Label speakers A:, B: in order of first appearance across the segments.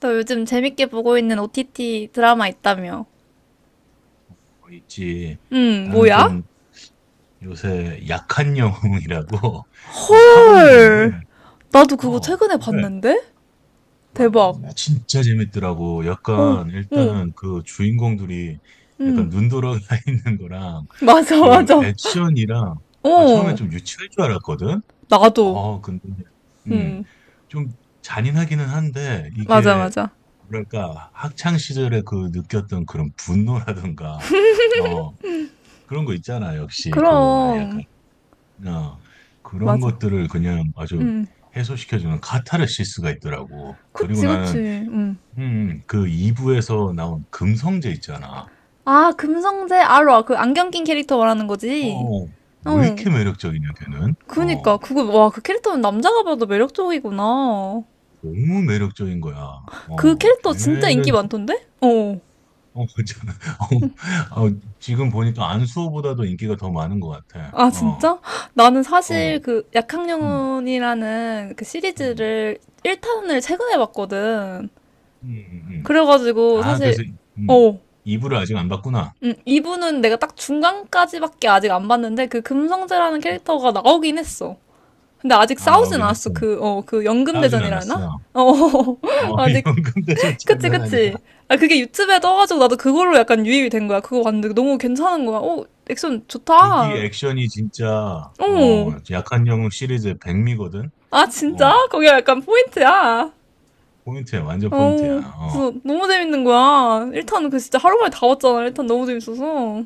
A: 너 요즘 재밌게 보고 있는 OTT 드라마 있다며.
B: 어, 있지.
A: 응,
B: 나는
A: 뭐야?
B: 좀 요새 약한 영웅이라고 좀 학원물인데,
A: 헐. 나도 그거
B: 어,
A: 최근에
B: 왜?
A: 봤는데?
B: 와,
A: 대박.
B: 진짜 재밌더라고.
A: 어,
B: 약간,
A: 어,
B: 일단은 그 주인공들이 약간
A: 응.
B: 눈 돌아가 있는 거랑
A: 맞아,
B: 그
A: 맞아.
B: 액션이랑, 아, 처음에
A: 어,
B: 좀 유치할 줄 알았거든?
A: 나도.
B: 어, 근데, 음,
A: 응,
B: 좀 잔인하기는 한데,
A: 맞아,
B: 이게,
A: 맞아.
B: 뭐랄까, 학창 시절에 그 느꼈던 그런 분노라든가, 어, 그런 거 있잖아. 역시 그 약간
A: 그럼,
B: 어, 그런
A: 맞아.
B: 것들을 그냥 아주
A: 응,
B: 해소시켜주는 카타르시스가 있더라고. 그리고
A: 그치, 그치.
B: 나는
A: 응.
B: 그 2부에서 나온 금성재 있잖아.
A: 아, 금성재 아로아 그 안경 낀 캐릭터 말하는
B: 어,
A: 거지?
B: 어. 왜
A: 어,
B: 이렇게 매력적이냐 걔는?
A: 그니까. 그거, 와, 그 캐릭터는 남자가 봐도 매력적이구나. 어.
B: 너무 매력적인 거야.
A: 그
B: 어,
A: 캐릭터 진짜 인기 많던데? 어,
B: 어, 참, 어, 어, 지금 보니까 안수호보다도 인기가 더 많은 것 같아.
A: 아,
B: 어,
A: 진짜? 나는
B: 어,
A: 사실 그
B: 음,
A: 약학영혼이라는 그
B: 음,
A: 시리즈를 1탄을 최근에 봤거든.
B: 음.
A: 그래가지고
B: 아,
A: 사실,
B: 그래서 음,
A: 어,
B: 2부를 아직 안 봤구나.
A: 2부는 내가 딱 중간까지밖에 아직 안 봤는데 그 금성재라는
B: 어.
A: 캐릭터가 나오긴 했어. 근데 아직
B: 아,
A: 싸우진
B: 나오긴
A: 않았어.
B: 했어.
A: 그
B: 나오진
A: 연금대전이라나?
B: 않았어.
A: 어,
B: 어,
A: 아직,
B: 연금대전
A: 그치,
B: 장난 아니야.
A: 그치. 아, 그게 유튜브에 떠가지고 나도 그걸로 약간 유입이 된 거야. 그거 봤는데 너무 괜찮은 거야. 어, 액션
B: 무기
A: 좋다.
B: 액션이 진짜,
A: 어.
B: 어, 약한 영웅 시리즈의 백미거든?
A: 아,
B: 어,
A: 진짜? 거기가 약간 포인트야.
B: 포인트야, 완전
A: 어,
B: 포인트야. 어,
A: 그래서 너무 재밌는 거야. 1탄 그 진짜 하루 만에 다 왔잖아. 1탄 너무 재밌어서.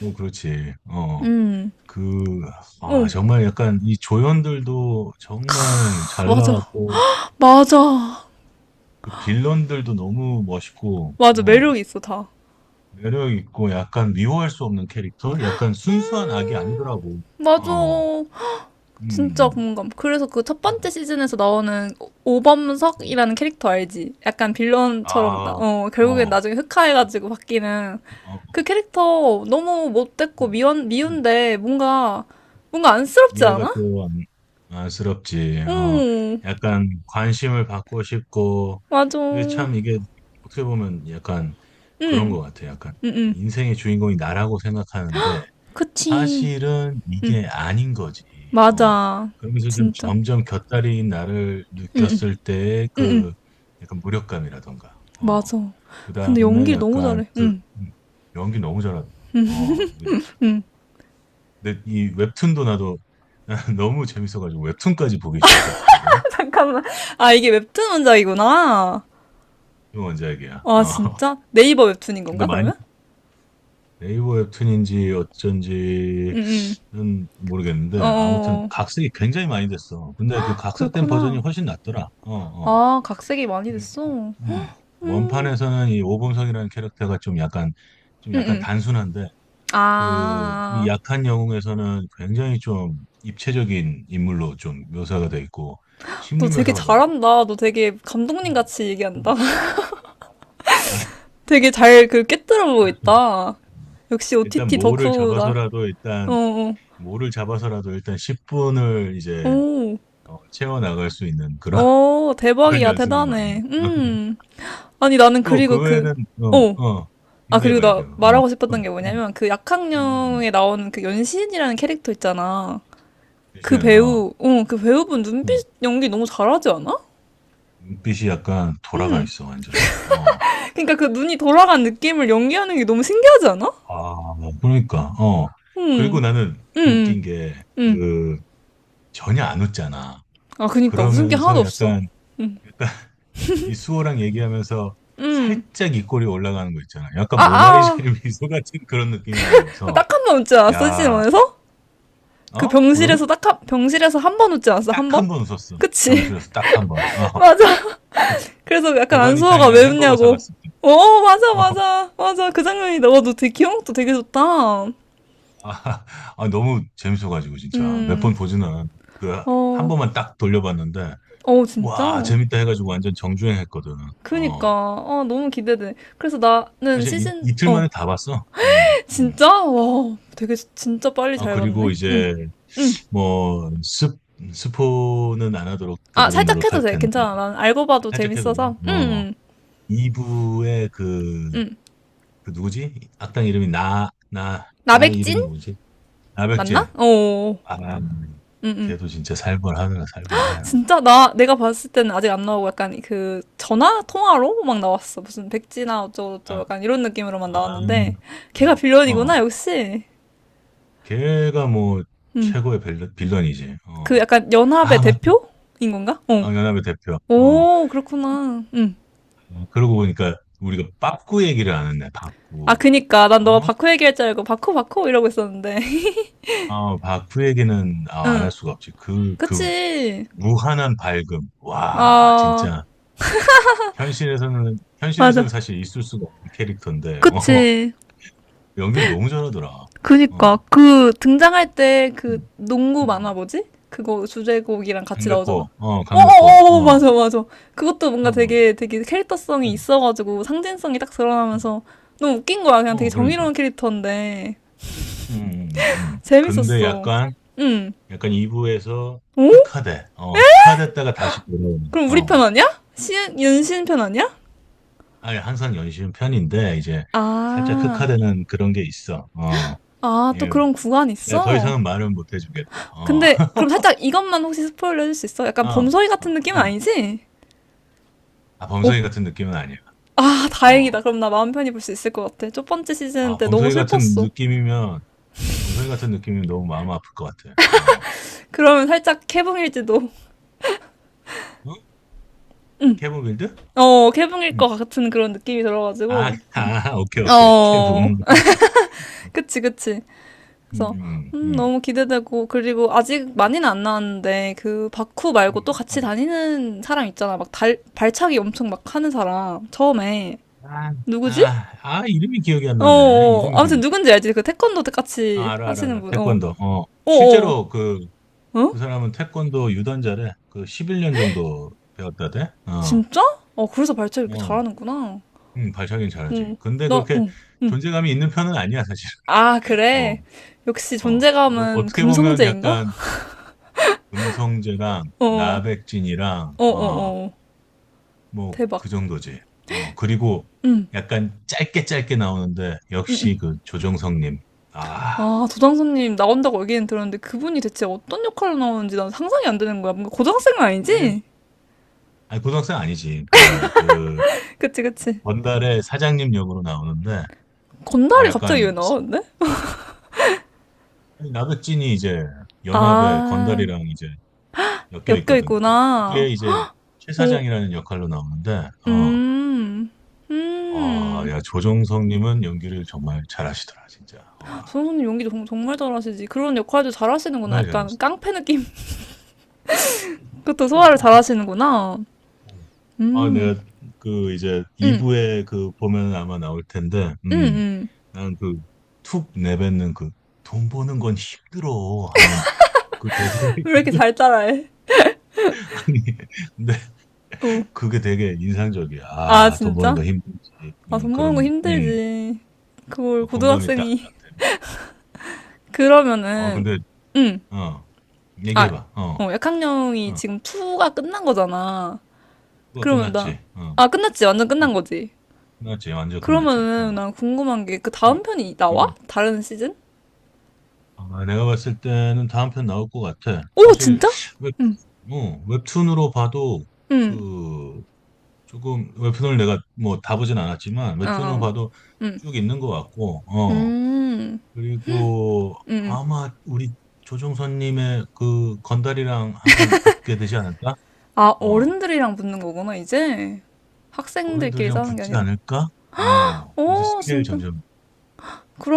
B: 어, 그렇지. 어,
A: 음.
B: 그,
A: 어,
B: 아, 정말 약간 이 조연들도 정말 잘
A: 맞아.
B: 나왔고,
A: 맞아.
B: 그 빌런들도 너무 멋있고,
A: 맞아.
B: 어,
A: 매력이 있어, 다.
B: 매력 있고, 약간 미워할 수 없는 캐릭터? 약간 순수한 악이 아니더라고.
A: 맞아.
B: 어,
A: 진짜
B: 음,
A: 공감. 그래서 그 첫 번째
B: 음,
A: 시즌에서 나오는
B: 음.
A: 오범석이라는 캐릭터 알지? 약간 빌런처럼, 나-
B: 아,
A: 어, 결국엔
B: 어.
A: 나중에 흑화해가지고 바뀌는
B: 어,
A: 그 캐릭터 너무 못됐고
B: 음,
A: 미운데 뭔가, 뭔가 안쓰럽지
B: 이해가
A: 않아?
B: 또 안, 안쓰럽지. 어,
A: 응.
B: 약간 관심을 받고 싶고,
A: 맞아.
B: 이게
A: 응,
B: 참 이게 어떻게 보면 약간 그런
A: 응,
B: 것 같아. 약간
A: 응.
B: 인생의 주인공이 나라고 생각하는데
A: 그치.
B: 사실은 이게 아닌 거지. 어,
A: 맞아.
B: 그러면서 좀
A: 진짜.
B: 점점 곁다리인 나를 느꼈을 때의 그 약간 무력감이라던가, 어,
A: 맞아.
B: 그
A: 근데
B: 다음에
A: 연기를 너무
B: 약간
A: 잘해. 응.
B: 음, 연기 너무 잘하다. 어, 연기 너무 잘다 근데 이 웹툰도 나도 너무 재밌어가지고 웹툰까지 보기 시작했거든.
A: 잠깐만. 아, 이게 웹툰 원작이구나.
B: 이 원작이야.
A: 아,
B: 어.
A: 진짜? 네이버 웹툰인
B: 근데
A: 건가,
B: 많이
A: 그러면?
B: 네이버 웹툰인지 어쩐지는
A: 어,
B: 모르겠는데 아무튼
A: 어, 어.
B: 각색이 굉장히 많이 됐어. 근데 그 각색된 버전이
A: 그렇구나.
B: 훨씬 낫더라. 어, 어.
A: 아, 각색이 많이 됐어.
B: 음.
A: 응,
B: 원판에서는 이 오범석이라는 캐릭터가 좀 약간
A: 응.
B: 단순한데 그 이
A: 아,
B: 약한 영웅에서는 굉장히 좀 입체적인 인물로 좀 묘사가 돼 있고
A: 너
B: 심리
A: 되게
B: 묘사가 너무
A: 잘한다. 너 되게 감독님
B: 음.
A: 같이 얘기한다.
B: 음.
A: 되게 잘 그 깨뜨려 보고
B: 아,
A: 있다. 역시
B: 일단
A: OTT 덕후다. 어, 어.
B: 모를 잡아서라도 일단 10분을 이제
A: 오.
B: 어, 채워 나갈 수 있는 그런
A: 오,
B: 그런
A: 대박이야,
B: 연습을 많이.
A: 대단해. 음. 아니, 나는
B: 또
A: 그리고
B: 그
A: 그,
B: 외에는
A: 어.
B: 어, 어,
A: 아, 그리고 나
B: 이게 봐. 어,
A: 말하고 싶었던
B: 또,
A: 게 뭐냐면, 그
B: 음, 음.
A: 약학령에 나오는 그 연신이라는 캐릭터 있잖아.
B: 미 어,
A: 그 배우분
B: 어,
A: 눈빛 연기 너무 잘하지 않아?
B: 눈빛이 약간 돌아가
A: 음.
B: 있어 완전히. 어,
A: 그러니까 그 눈이 돌아간 느낌을 연기하는 게 너무 신기하지 않아?
B: 아, 그러니까, 어,
A: 음.
B: 그리고 나는
A: 음, 음,
B: 웃긴 게
A: 음.
B: 그 전혀 안 웃잖아.
A: 아, 그니까. 웃음 게 하나도
B: 그러면서
A: 없어.
B: 약간 이 수호랑 얘기하면서
A: 음.
B: 살짝 입꼬리 올라가는 거 있잖아.
A: 아,
B: 약간
A: 아.
B: 모나리자의 미소 같은 그런 느낌이
A: 그 딱
B: 들면서,
A: 한 번 웃지 않았어, 시즌
B: 야,
A: 원에서 그
B: 어?
A: 병실에서
B: 뭐라고?
A: 딱 한, 병실에서 한 번 웃지 않았어,
B: 딱
A: 한 번?
B: 한 번 웃었어.
A: 그치?
B: 병실에서 딱 한 번. 어,
A: 맞아.
B: 그
A: 그래서 약간 안소아가
B: 도가니탕이랑
A: 왜
B: 햄버거
A: 웃냐고.
B: 사갔을 때.
A: 어, 맞아,
B: 어,
A: 맞아, 맞아. 그 장면이 너와너 되게 기억도 되게 좋다.
B: 아, 아, 너무 재밌어가지고, 진짜. 몇
A: 음,
B: 번 보지는, 그, 한
A: 어,
B: 번만 딱 돌려봤는데,
A: 어,
B: 와,
A: 진짜?
B: 재밌다 해가지고 완전 정주행 했거든.
A: 그니까,
B: 어,
A: 아, 너무 기대돼. 그래서 나는
B: 사실 이,
A: 시즌,
B: 이틀
A: 어,
B: 만에 다 봤어. 응, 응.
A: 진짜? 와, 되게, 진짜 빨리
B: 아,
A: 잘
B: 그리고
A: 봤네. 응,
B: 이제
A: 응.
B: 뭐 스, 스포는 안 하도록
A: 아,
B: 되도록
A: 살짝 해도
B: 노력할
A: 돼.
B: 텐데
A: 괜찮아. 난 알고 봐도
B: 살짝 해도 돼요.
A: 재밌어서. 응,
B: 어
A: 응,
B: 2부의 그,
A: 응.
B: 그 누구지? 악당 이름이 나 나 나
A: 나백진?
B: 이름이 뭐지? 나백진.
A: 맞나? 어,
B: 아,
A: 응, 응.
B: 걔도 진짜 살벌하느라 살벌해요.
A: 진짜 나 내가 봤을 때는 아직 안 나오고 약간 그 전화 통화로 막 나왔어. 무슨 백지나 어쩌고저쩌고
B: 아,
A: 약간 이런 느낌으로만
B: 아,
A: 나왔는데 걔가
B: 어,
A: 빌런이구나
B: 어.
A: 역시.
B: 걔가 뭐
A: 음.
B: 최고의 빌런, 빌런이지.
A: 그
B: 어.
A: 약간 연합의
B: 아, 맞다.
A: 대표인 건가? 어.
B: 아, 연합의 대표. 어.
A: 오, 그렇구나. 음.
B: 어, 그러고 보니까 우리가 빠꾸 얘기를 안 했네.
A: 아,
B: 빠꾸.
A: 그니까 난 너
B: 어?
A: 바쿠 얘기할 줄 알고 바쿠 바쿠 이러고 있었는데.
B: 어, 바크 얘기는 안
A: 응.
B: 할 수가 없지. 그
A: 그치.
B: 무한한 밝음. 와,
A: 아
B: 진짜. 현실에서는
A: 맞아.
B: 사실 있을 수가 없는 캐릭터인데, 어,
A: 그치.
B: 연기를 너무 잘하더라.
A: 그니까
B: 어,
A: 그 등장할 때 그
B: 음,
A: 농구 만화
B: 음.
A: 뭐지? 그거 주제곡이랑 같이 나오잖아.
B: 강백호,
A: 어어어
B: 어,
A: 맞아 맞아. 그것도
B: 어,
A: 뭔가
B: 어,
A: 되게 되게 캐릭터성이
B: 음,
A: 있어가지고 상징성이 딱
B: 음.
A: 드러나면서 너무 웃긴 거야. 그냥 되게
B: 어, 그러니까.
A: 정의로운 캐릭터인데
B: 음. 근데
A: 재밌었어.
B: 약간,
A: 응.
B: 약간 2부에서
A: 오?
B: 흑화돼. 어, 흑화됐다가 다시 돌아오는,
A: 그럼 우리
B: 어,
A: 편 아니야? 시, 윤신 편 아니야?
B: 아예 항상 연신 편인데, 이제 살짝
A: 아,
B: 흑화되는 그런 게 있어. 어.
A: 아, 또
B: 예,
A: 그런 구간
B: 내가 더
A: 있어?
B: 이상은 말은 못 해주겠다. 어,
A: 근데 그럼 살짝 이것만 혹시 스포일러 해줄 수 있어? 약간
B: 어,
A: 범서이
B: 어,
A: 같은 느낌은
B: 어.
A: 아니지?
B: 아,
A: 어,
B: 범성이 같은 느낌은 아니야.
A: 아, 다행이다.
B: 어,
A: 그럼 나 마음 편히 볼 수 있을 것 같아. 첫 번째 시즌
B: 아,
A: 때 너무 슬펐어.
B: 범성이 같은 느낌이면 너무 마음 아플 것 같아. 어,
A: 그러면 살짝 캐붕일지도.
B: 어? 케본 빌드?
A: 어, 캐붕일
B: 음.
A: 것 같은 그런 느낌이
B: 아,
A: 들어가지고. 음.
B: 아, 오케이, 오케이.
A: 어,
B: 케본. 음,
A: 그치, 그치. 그래서,
B: 음, 음,
A: 너무 기대되고. 그리고 아직 많이는 안 나왔는데, 그, 바쿠
B: 음.
A: 말고 또
B: 음,
A: 같이
B: 음.
A: 다니는 사람 있잖아. 막 달, 발차기 엄청 막 하는 사람. 처음에.
B: 아,
A: 누구지?
B: 아, 아, 이름이 기억이 안
A: 어,
B: 나네.
A: 어.
B: 이름이 기억.
A: 아무튼 누군지 알지? 그 태권도 같이
B: 아, 알아, 알아,
A: 하시는
B: 알아.
A: 분. 어,
B: 태권도. 어,
A: 어, 어.
B: 실제로 그, 그
A: 어?
B: 사람은 태권도 유단자래. 그 11년 정도 배웠다대. 어,
A: 진짜? 어, 그래서 발차기 이렇게
B: 어.
A: 잘하는구나.
B: 응, 발차기는 잘하지.
A: 응.
B: 근데
A: 나,
B: 그렇게
A: 응, 응.
B: 존재감이 있는 편은 아니야, 사실.
A: 아,
B: 어,
A: 그래. 역시
B: 어. 어,
A: 존재감은
B: 떻게 보면
A: 금성재인가?
B: 약간 음성재랑
A: 어,
B: 나백진이랑,
A: 어,
B: 어,
A: 어, 어.
B: 뭐,
A: 대박.
B: 그 정도지. 어, 그리고
A: 응,
B: 약간 짧게 짧게 나오는데,
A: 응, 응.
B: 역시 그 조정석님. 아,
A: 아, 도당선님 나온다고 얘기는 들었는데 그분이 대체 어떤 역할로 나오는지 난 상상이 안 되는 거야. 뭔가 고등학생은
B: 그냥,
A: 아니지?
B: 아니, 고등학생 아니지.
A: 그치, 그치.
B: 건달의 사장님 역으로 나오는데, 아,
A: 건달이 갑자기 왜
B: 약간,
A: 나왔는데.
B: 아니, 나백진이 이제
A: 아,
B: 연합의 건달이랑 이제 엮여
A: 엮여
B: 있거든.
A: 있구나.
B: 그게 이제 최
A: 어,
B: 사장이라는 역할로 나오는데, 어,
A: 음,
B: 아,
A: 음.
B: 야, 조정석님은 연기를 정말 잘하시더라, 진짜. 와,
A: 선호님 연기 정- 정말 잘하시지. 그런 역할도 잘하시는구나.
B: 정말
A: 약간
B: 잘하시더라.
A: 깡패 느낌. 그것도 소화를
B: 어,
A: 잘하시는구나.
B: 어. 아,
A: 음,
B: 내가 그 이제
A: 음,
B: 2부에 그 보면 아마 나올 텐데,
A: 음, 음.
B: 난 그 툭 내뱉는 그 돈 버는 건 힘들어 하는 그 대사가
A: 왜 이렇게
B: 있거든.
A: 잘 따라해?
B: 아니, 근데
A: 어.
B: 그게 되게 인상적이야.
A: 아,
B: 아, 돈 버는
A: 진짜?
B: 거 힘들지.
A: 아,
B: 어,
A: 돈 버는 거
B: 그런,
A: 힘들지. 그걸
B: 어, 공감이
A: 고등학생이.
B: 딱딱 되면서. 아,
A: 그러면은,
B: 근데
A: 음,
B: 어,
A: 아,
B: 얘기해봐. 어,
A: 약학령이
B: 어,
A: 지금 2가 끝난 거잖아.
B: 그거
A: 그러면 나,
B: 끝났지. 어,
A: 아, 끝났지. 완전
B: 어,
A: 끝난 거지.
B: 끝났지. 완전 끝났지.
A: 그러면은
B: 어,
A: 난 궁금한 게 그
B: 어,
A: 다음 편이 나와?
B: 어.
A: 다른 시즌?
B: 아, 내가 봤을 때는 다음 편 나올 것 같아.
A: 오,
B: 사실
A: 진짜?
B: 웹,
A: 응,
B: 어, 웹툰으로 봐도
A: 응.
B: 그 조금 웹툰을 내가 뭐 다 보진 않았지만
A: 어,
B: 웹툰으로
A: 어.
B: 봐도 쭉 있는 것 같고, 어,
A: 음.
B: 그리고 아마 우리 조종선님의 그 건달이랑 한 판 붙게 되지 않을까?
A: 아,
B: 어.
A: 어른들이랑 붙는 거구나, 이제. 학생들끼리
B: 어른들이랑
A: 싸우는 게
B: 붙진
A: 아니라.
B: 않을까? 어, 이제
A: 오,
B: 스케일
A: 진짜.
B: 점점,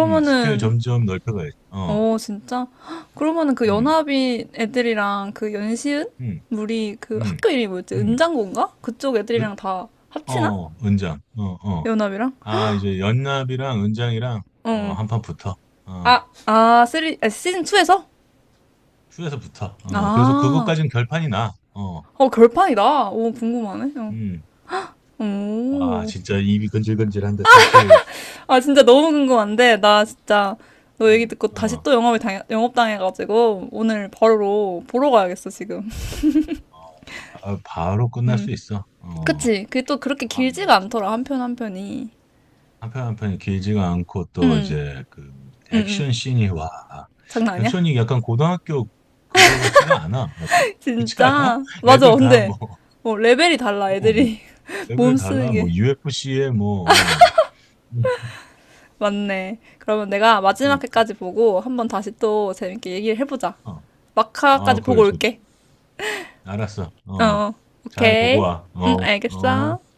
B: 스케일 점점 넓혀가야지. 어,
A: 오, 진짜. 헉, 그러면은 그
B: 음,
A: 연합인 애들이랑 그 연시은?
B: 음,
A: 우리 그
B: 음,
A: 학교 이름이 뭐였지?
B: 음,
A: 은장고인가? 그쪽
B: 으-
A: 애들이랑 다 합치나?
B: 어, 은장, 어, 어.
A: 연합이랑?
B: 아, 이제 연납이랑 은장이랑, 어,
A: 응.
B: 한판 붙어. 어,
A: 아, 아, 쓰리, 아, 시즌 2에서?
B: 투에서 붙어. 어, 그래서
A: 아,
B: 그것까진 결판이 나. 어,
A: 어, 결판이다. 오, 궁금하네. 어.
B: 음. 아,
A: 오.
B: 진짜 입이 건질건질한데 사실,
A: 아, 진짜 너무 궁금한데, 나 진짜 너 얘기 듣고 다시
B: 어,
A: 또 영업을 당해, 영업당해가지고, 오늘 바로 보러 가야겠어, 지금.
B: 아, 바로 끝날
A: 음.
B: 수 있어. 어,
A: 그치? 그게 또 그렇게
B: 아,
A: 길지가 않더라, 한편 한 편이.
B: 한편 한 편이 길지가 않고 또
A: 응,
B: 이제 그
A: 응, 응.
B: 액션 씬이 와
A: 장난 아니야?
B: 액션이 약간 고등학교 그거 같지가 않아 약간 그렇지 않아?
A: 진짜? 맞아,
B: 애들 다
A: 근데,
B: 뭐
A: 뭐, 레벨이 달라,
B: 어,
A: 애들이.
B: 레벨
A: 몸 쓰는
B: 달라 뭐
A: 게.
B: UFC에 뭐 어,
A: 맞네. 그러면 내가
B: 뭐
A: 마지막
B: 그러니까
A: 회까지 보고, 한번 다시 또 재밌게 얘기를 해보자.
B: 어, 아
A: 마카까지
B: 그래
A: 보고 올게.
B: 좋지 알았어
A: 어,
B: 어
A: 어.
B: 잘 보고
A: 오케이.
B: 와
A: 응,
B: 어 어.
A: 알겠어.